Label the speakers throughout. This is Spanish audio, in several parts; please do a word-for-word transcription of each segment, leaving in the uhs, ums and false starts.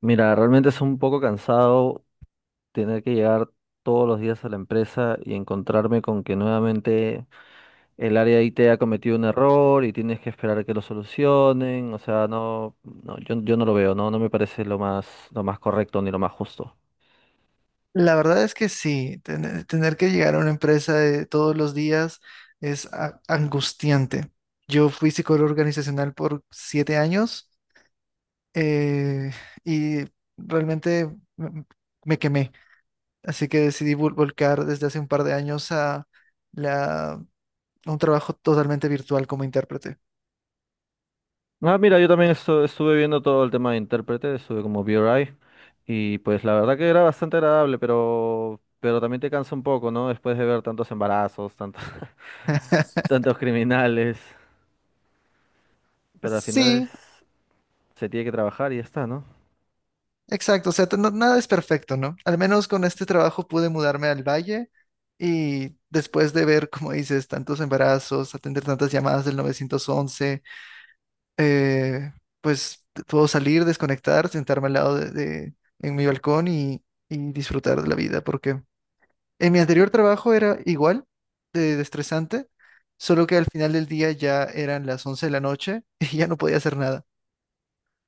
Speaker 1: Mira, realmente es un poco cansado tener que llegar todos los días a la empresa y encontrarme con que nuevamente el área de I T ha cometido un error y tienes que esperar a que lo solucionen. O sea, no, no, yo, yo no lo veo, no, no me parece lo más, lo más correcto ni lo más justo.
Speaker 2: La verdad es que sí, tener, tener que llegar a una empresa de todos los días es a- angustiante. Yo fui psicólogo organizacional por siete años, eh, y realmente me, me quemé, así que decidí vol- volcar desde hace un par de años a, la, a un trabajo totalmente virtual como intérprete.
Speaker 1: Ah, mira, yo también estu- estuve viendo todo el tema de intérprete, estuve como V R I y pues la verdad que era bastante agradable, pero, pero también te cansa un poco, ¿no? Después de ver tantos embarazos, tantos, tantos criminales, pero al final es...
Speaker 2: Sí,
Speaker 1: se tiene que trabajar y ya está, ¿no?
Speaker 2: exacto, o sea, t- no- nada es perfecto, ¿no? Al menos con este trabajo pude mudarme al valle y después de ver, como dices, tantos embarazos, atender tantas llamadas del nueve once, eh, pues t- puedo salir, desconectar, sentarme al lado de, de- en mi balcón, y, y disfrutar de la vida, porque en mi anterior trabajo era igual de, de estresante, solo que al final del día ya eran las once de la noche y ya no podía hacer nada.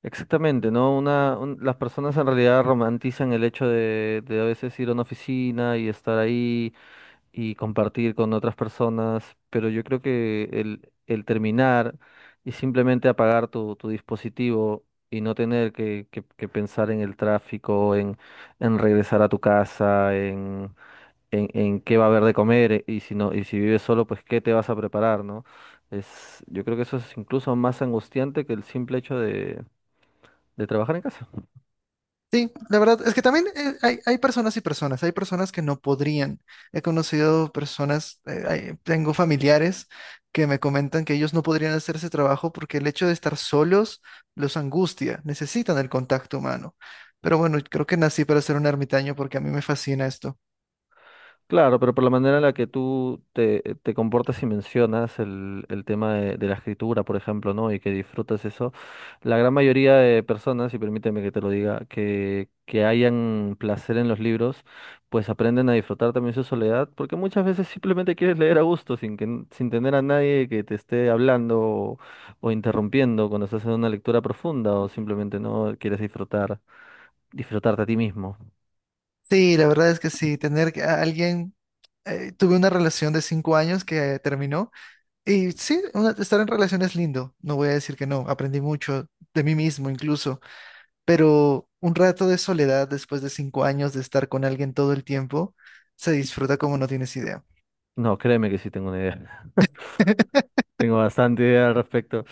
Speaker 1: Exactamente, ¿no? Una, un- las personas en realidad romantizan el hecho de, de a veces ir a una oficina y estar ahí y compartir con otras personas, pero yo creo que el, el terminar y simplemente apagar tu, tu dispositivo y no tener que, que- que pensar en el tráfico, en, en regresar a tu casa, en, en qué va a haber de comer eh, y si no, y si vives solo, pues qué te vas a preparar, ¿no? Es, yo creo que eso es incluso más angustiante que el simple hecho de, de trabajar en casa.
Speaker 2: Sí, la verdad es que también, eh, hay, hay personas y personas, hay personas que no podrían. He conocido personas, eh, hay- tengo familiares que me comentan que ellos no podrían hacer ese trabajo porque el hecho de estar solos los angustia, necesitan el contacto humano. Pero bueno, creo que nací para ser un ermitaño porque a mí me fascina esto.
Speaker 1: Claro, pero por la manera en la que tú te, te comportas y mencionas el, el tema de, de la escritura, por ejemplo, ¿no? Y que disfrutas eso, la gran mayoría de personas, y permíteme que te lo diga, que, que hayan placer en los libros, pues aprenden a disfrutar también su soledad, porque muchas veces simplemente quieres leer a gusto, sin que, n- sin tener a nadie que te esté hablando o, o interrumpiendo cuando estás en una lectura profunda, o simplemente no quieres disfrutar, disfrutarte a ti mismo.
Speaker 2: Sí, la verdad es que sí, tener que- a alguien, eh, tuve una relación de cinco años que terminó, y sí, una- estar en relación es lindo, no voy a decir que no, aprendí mucho de mí mismo incluso, pero un rato de soledad después de cinco años de estar con alguien todo el tiempo se disfruta como no tienes idea.
Speaker 1: No, créeme que sí tengo una idea. Tengo bastante idea al respecto.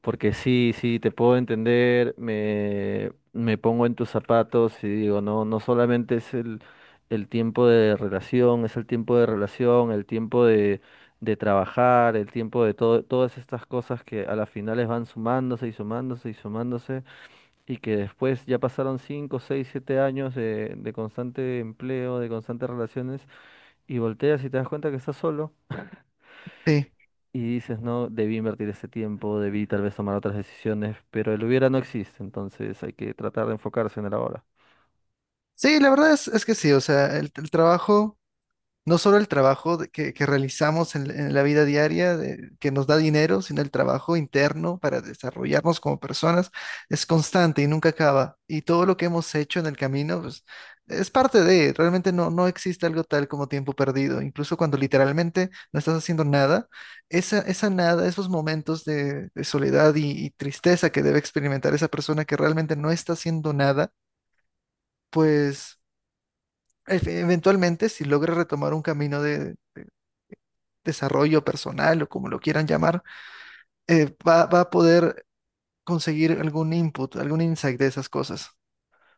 Speaker 1: Porque sí, sí, te puedo entender, me, me pongo en tus zapatos y digo, no, no solamente es el, el tiempo de relación, es el tiempo de relación, el tiempo de, de trabajar, el tiempo de todo, todas estas cosas que a las finales van sumándose y sumándose y sumándose, y que después ya pasaron cinco, seis, siete años de, de constante empleo, de constantes relaciones, y volteas y te das cuenta que estás solo
Speaker 2: Sí,
Speaker 1: y dices, no, debí invertir ese tiempo, debí tal vez tomar otras decisiones, pero el hubiera no existe, entonces hay que tratar de enfocarse en el ahora.
Speaker 2: sí, la verdad es, es que sí, o sea, el, el trabajo. No solo el trabajo de- que, que realizamos en, en la vida diaria, de- que nos da dinero, sino el trabajo interno para desarrollarnos como personas es constante y nunca acaba. Y todo lo que hemos hecho en el camino, pues, es parte de, realmente no, no existe algo tal como tiempo perdido. Incluso cuando literalmente no estás haciendo nada, esa, esa nada, esos momentos de, de soledad y y tristeza que debe experimentar esa persona que realmente no está haciendo nada, pues... Efe- Eventualmente, si logra retomar un camino de desarrollo personal o como lo quieran llamar, eh, va, va a poder conseguir algún input, algún insight de esas cosas.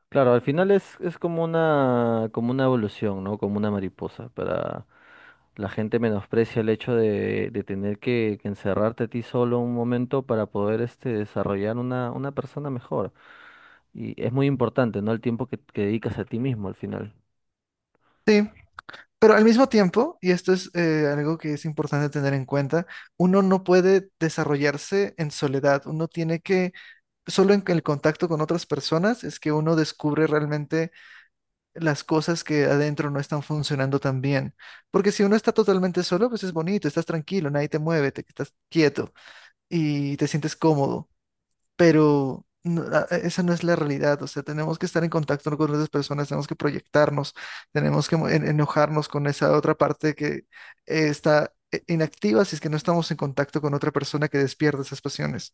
Speaker 1: Claro, al final es, es como una, como una evolución, ¿no? Como una mariposa. Para la gente menosprecia el hecho de, de tener que, que encerrarte a ti solo un momento para poder este, desarrollar una, una persona mejor. Y es muy importante, ¿no? El tiempo que, que dedicas a ti mismo al final.
Speaker 2: Sí, pero al mismo tiempo, y esto es, eh, algo que es importante tener en cuenta, uno no puede desarrollarse en soledad, uno tiene que, solo en el contacto con otras personas es que uno descubre realmente las cosas que adentro no están funcionando tan bien. Porque si uno está totalmente solo, pues es bonito, estás tranquilo, nadie te mueve, te estás quieto y te sientes cómodo. Pero no- a- a- esa no es la realidad. O sea, tenemos que estar en contacto con otras personas, tenemos que proyectarnos, tenemos que mo- en- enojarnos con esa otra parte que eh, está eh, inactiva si es que no estamos en contacto con otra persona que despierta esas pasiones.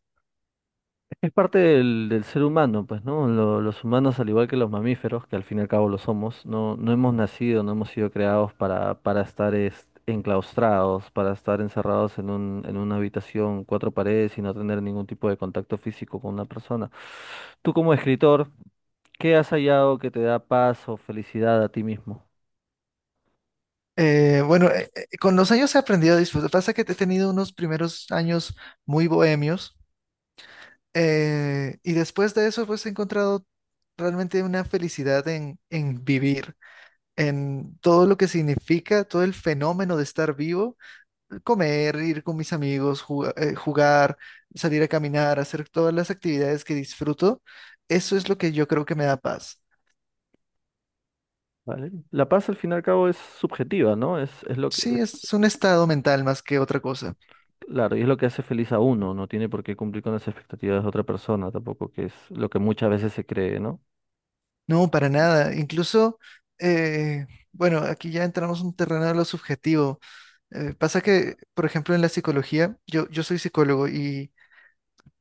Speaker 1: Es parte del, del ser humano, pues, ¿no? Lo- los humanos, al igual que los mamíferos, que al fin y al cabo lo somos, no, no hemos nacido, no hemos sido creados para, para estar es- enclaustrados, para estar encerrados en un, en una habitación, cuatro paredes y no tener ningún tipo de contacto físico con una persona. Tú como escritor, ¿qué has hallado que te da paz o felicidad a ti mismo?
Speaker 2: Eh, bueno, eh, eh, con los años he aprendido a disfrutar. Pasa que he tenido unos primeros años muy bohemios, eh, y después de eso pues he encontrado realmente una felicidad en, en vivir, en todo lo que significa, todo el fenómeno de estar vivo, comer, ir con mis amigos, ju- eh, jugar, salir a caminar, hacer todas las actividades que disfruto. Eso es lo que yo creo que me da paz.
Speaker 1: ¿Vale? La paz al fin y al cabo es subjetiva, ¿no? Es, es lo que
Speaker 2: Sí,
Speaker 1: es.
Speaker 2: es un estado mental más que otra cosa.
Speaker 1: Claro, y es lo que hace feliz a uno, no tiene por qué cumplir con las expectativas de otra persona tampoco, que es lo que muchas veces se cree, ¿no?
Speaker 2: No, para nada. Incluso, eh, bueno, aquí ya entramos en un terreno de lo subjetivo. Eh, pasa que, por ejemplo, en la psicología, yo, yo soy psicólogo, y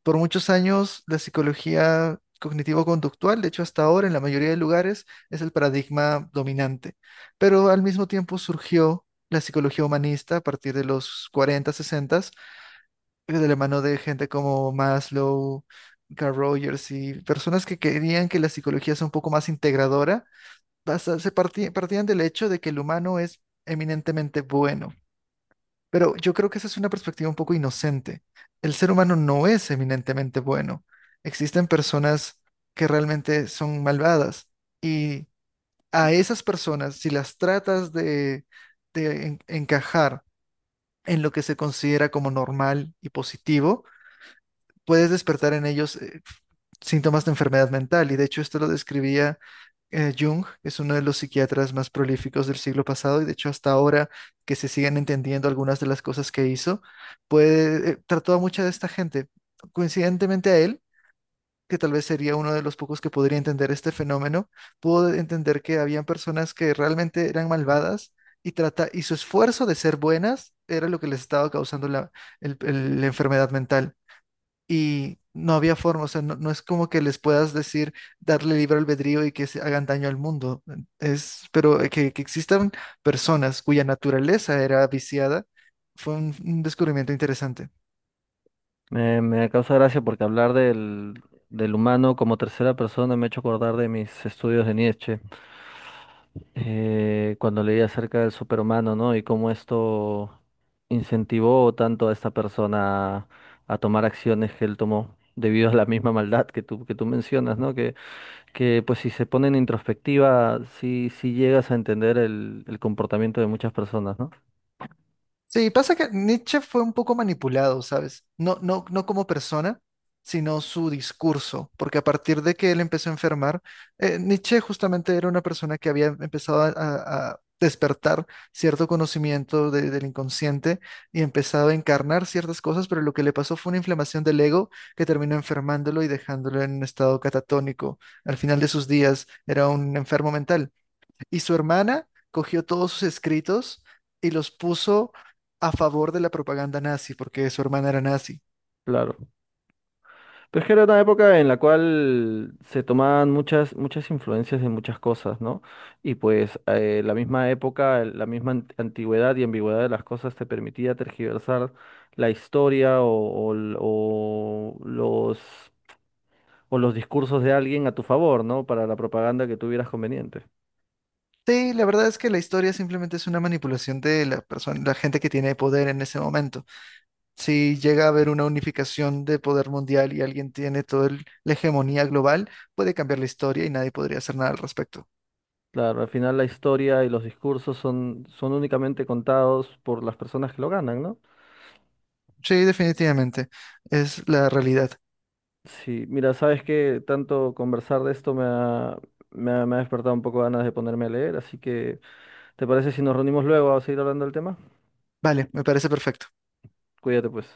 Speaker 2: por muchos años la psicología cognitivo-conductual, de hecho hasta ahora en la mayoría de lugares, es el paradigma dominante. Pero al mismo tiempo surgió la psicología humanista a partir de los cuarenta sesenta, de la mano de gente como Maslow. Carl Rogers y personas que querían que la psicología sea un poco más integradora, basa- se parti- partían del hecho de que el humano es eminentemente bueno. Pero yo creo que esa es una perspectiva un poco inocente. El ser humano no es eminentemente bueno. Existen personas que realmente son malvadas, y a esas personas, si las tratas de, de en- encajar en lo que se considera como normal y positivo, puedes despertar en ellos, eh, síntomas de enfermedad mental. Y de hecho esto lo describía, eh, Jung, que es uno de los psiquiatras más prolíficos del siglo pasado y de hecho hasta ahora que se siguen entendiendo algunas de las cosas que hizo, pues eh, trató a mucha de esta gente. Coincidentemente a él, que tal vez sería uno de los pocos que podría entender este fenómeno, pudo entender que habían personas que realmente eran malvadas, y, trata, y su esfuerzo de ser buenas era lo que les estaba causando la, el- el- la enfermedad mental, y no había forma, o sea, no, no es como que les puedas decir, darle libre albedrío y que se hagan daño al mundo, es, pero eh, que, que existan personas cuya naturaleza era viciada, fue un, un descubrimiento interesante.
Speaker 1: Me, me causa gracia porque hablar del, del humano como tercera persona me ha hecho acordar de mis estudios de Nietzsche, eh, cuando leí acerca del superhumano, ¿no? Y cómo esto incentivó tanto a esta persona a tomar acciones que él tomó debido a la misma maldad que tú, que tú mencionas, ¿no? que que pues si se pone en introspectiva, sí, sí llegas a entender el, el comportamiento de muchas personas, ¿no?
Speaker 2: Sí, pasa que Nietzsche fue un poco manipulado, ¿sabes? No, no, no como persona, sino su discurso, porque a partir de que él empezó a enfermar, eh, Nietzsche justamente era una persona que había empezado a, a- a despertar cierto conocimiento de- del inconsciente y empezaba a encarnar ciertas cosas, pero lo que le pasó fue una inflamación del ego que terminó enfermándolo y dejándolo en un estado catatónico. Al final de sus días era un enfermo mental. Y su hermana cogió todos sus escritos y los puso a favor de la propaganda nazi, porque su hermana era nazi.
Speaker 1: Claro. Pero es que era una época en la cual se tomaban muchas, muchas influencias de muchas cosas, ¿no? Y pues eh, la misma época, el- la misma ant- antigüedad y ambigüedad de las cosas te permitía tergiversar la historia o, o l- o los, o los discursos de alguien a tu favor, ¿no? Para la propaganda que tuvieras conveniente.
Speaker 2: Sí, la verdad es que la historia simplemente es una manipulación de la persona, la gente que tiene poder en ese momento. Si llega a haber una unificación de poder mundial y alguien tiene toda la hegemonía global, puede cambiar la historia y nadie podría hacer nada al respecto.
Speaker 1: Claro, al final la historia y los discursos son, son únicamente contados por las personas que lo ganan, ¿no?
Speaker 2: Sí, definitivamente. Es la realidad.
Speaker 1: Sí, mira, sabes que tanto conversar de esto me ha, me ha, me ha despertado un poco ganas de ponerme a leer, así que ¿te parece si nos reunimos luego a seguir hablando del tema?
Speaker 2: Vale, me parece perfecto.
Speaker 1: Cuídate pues.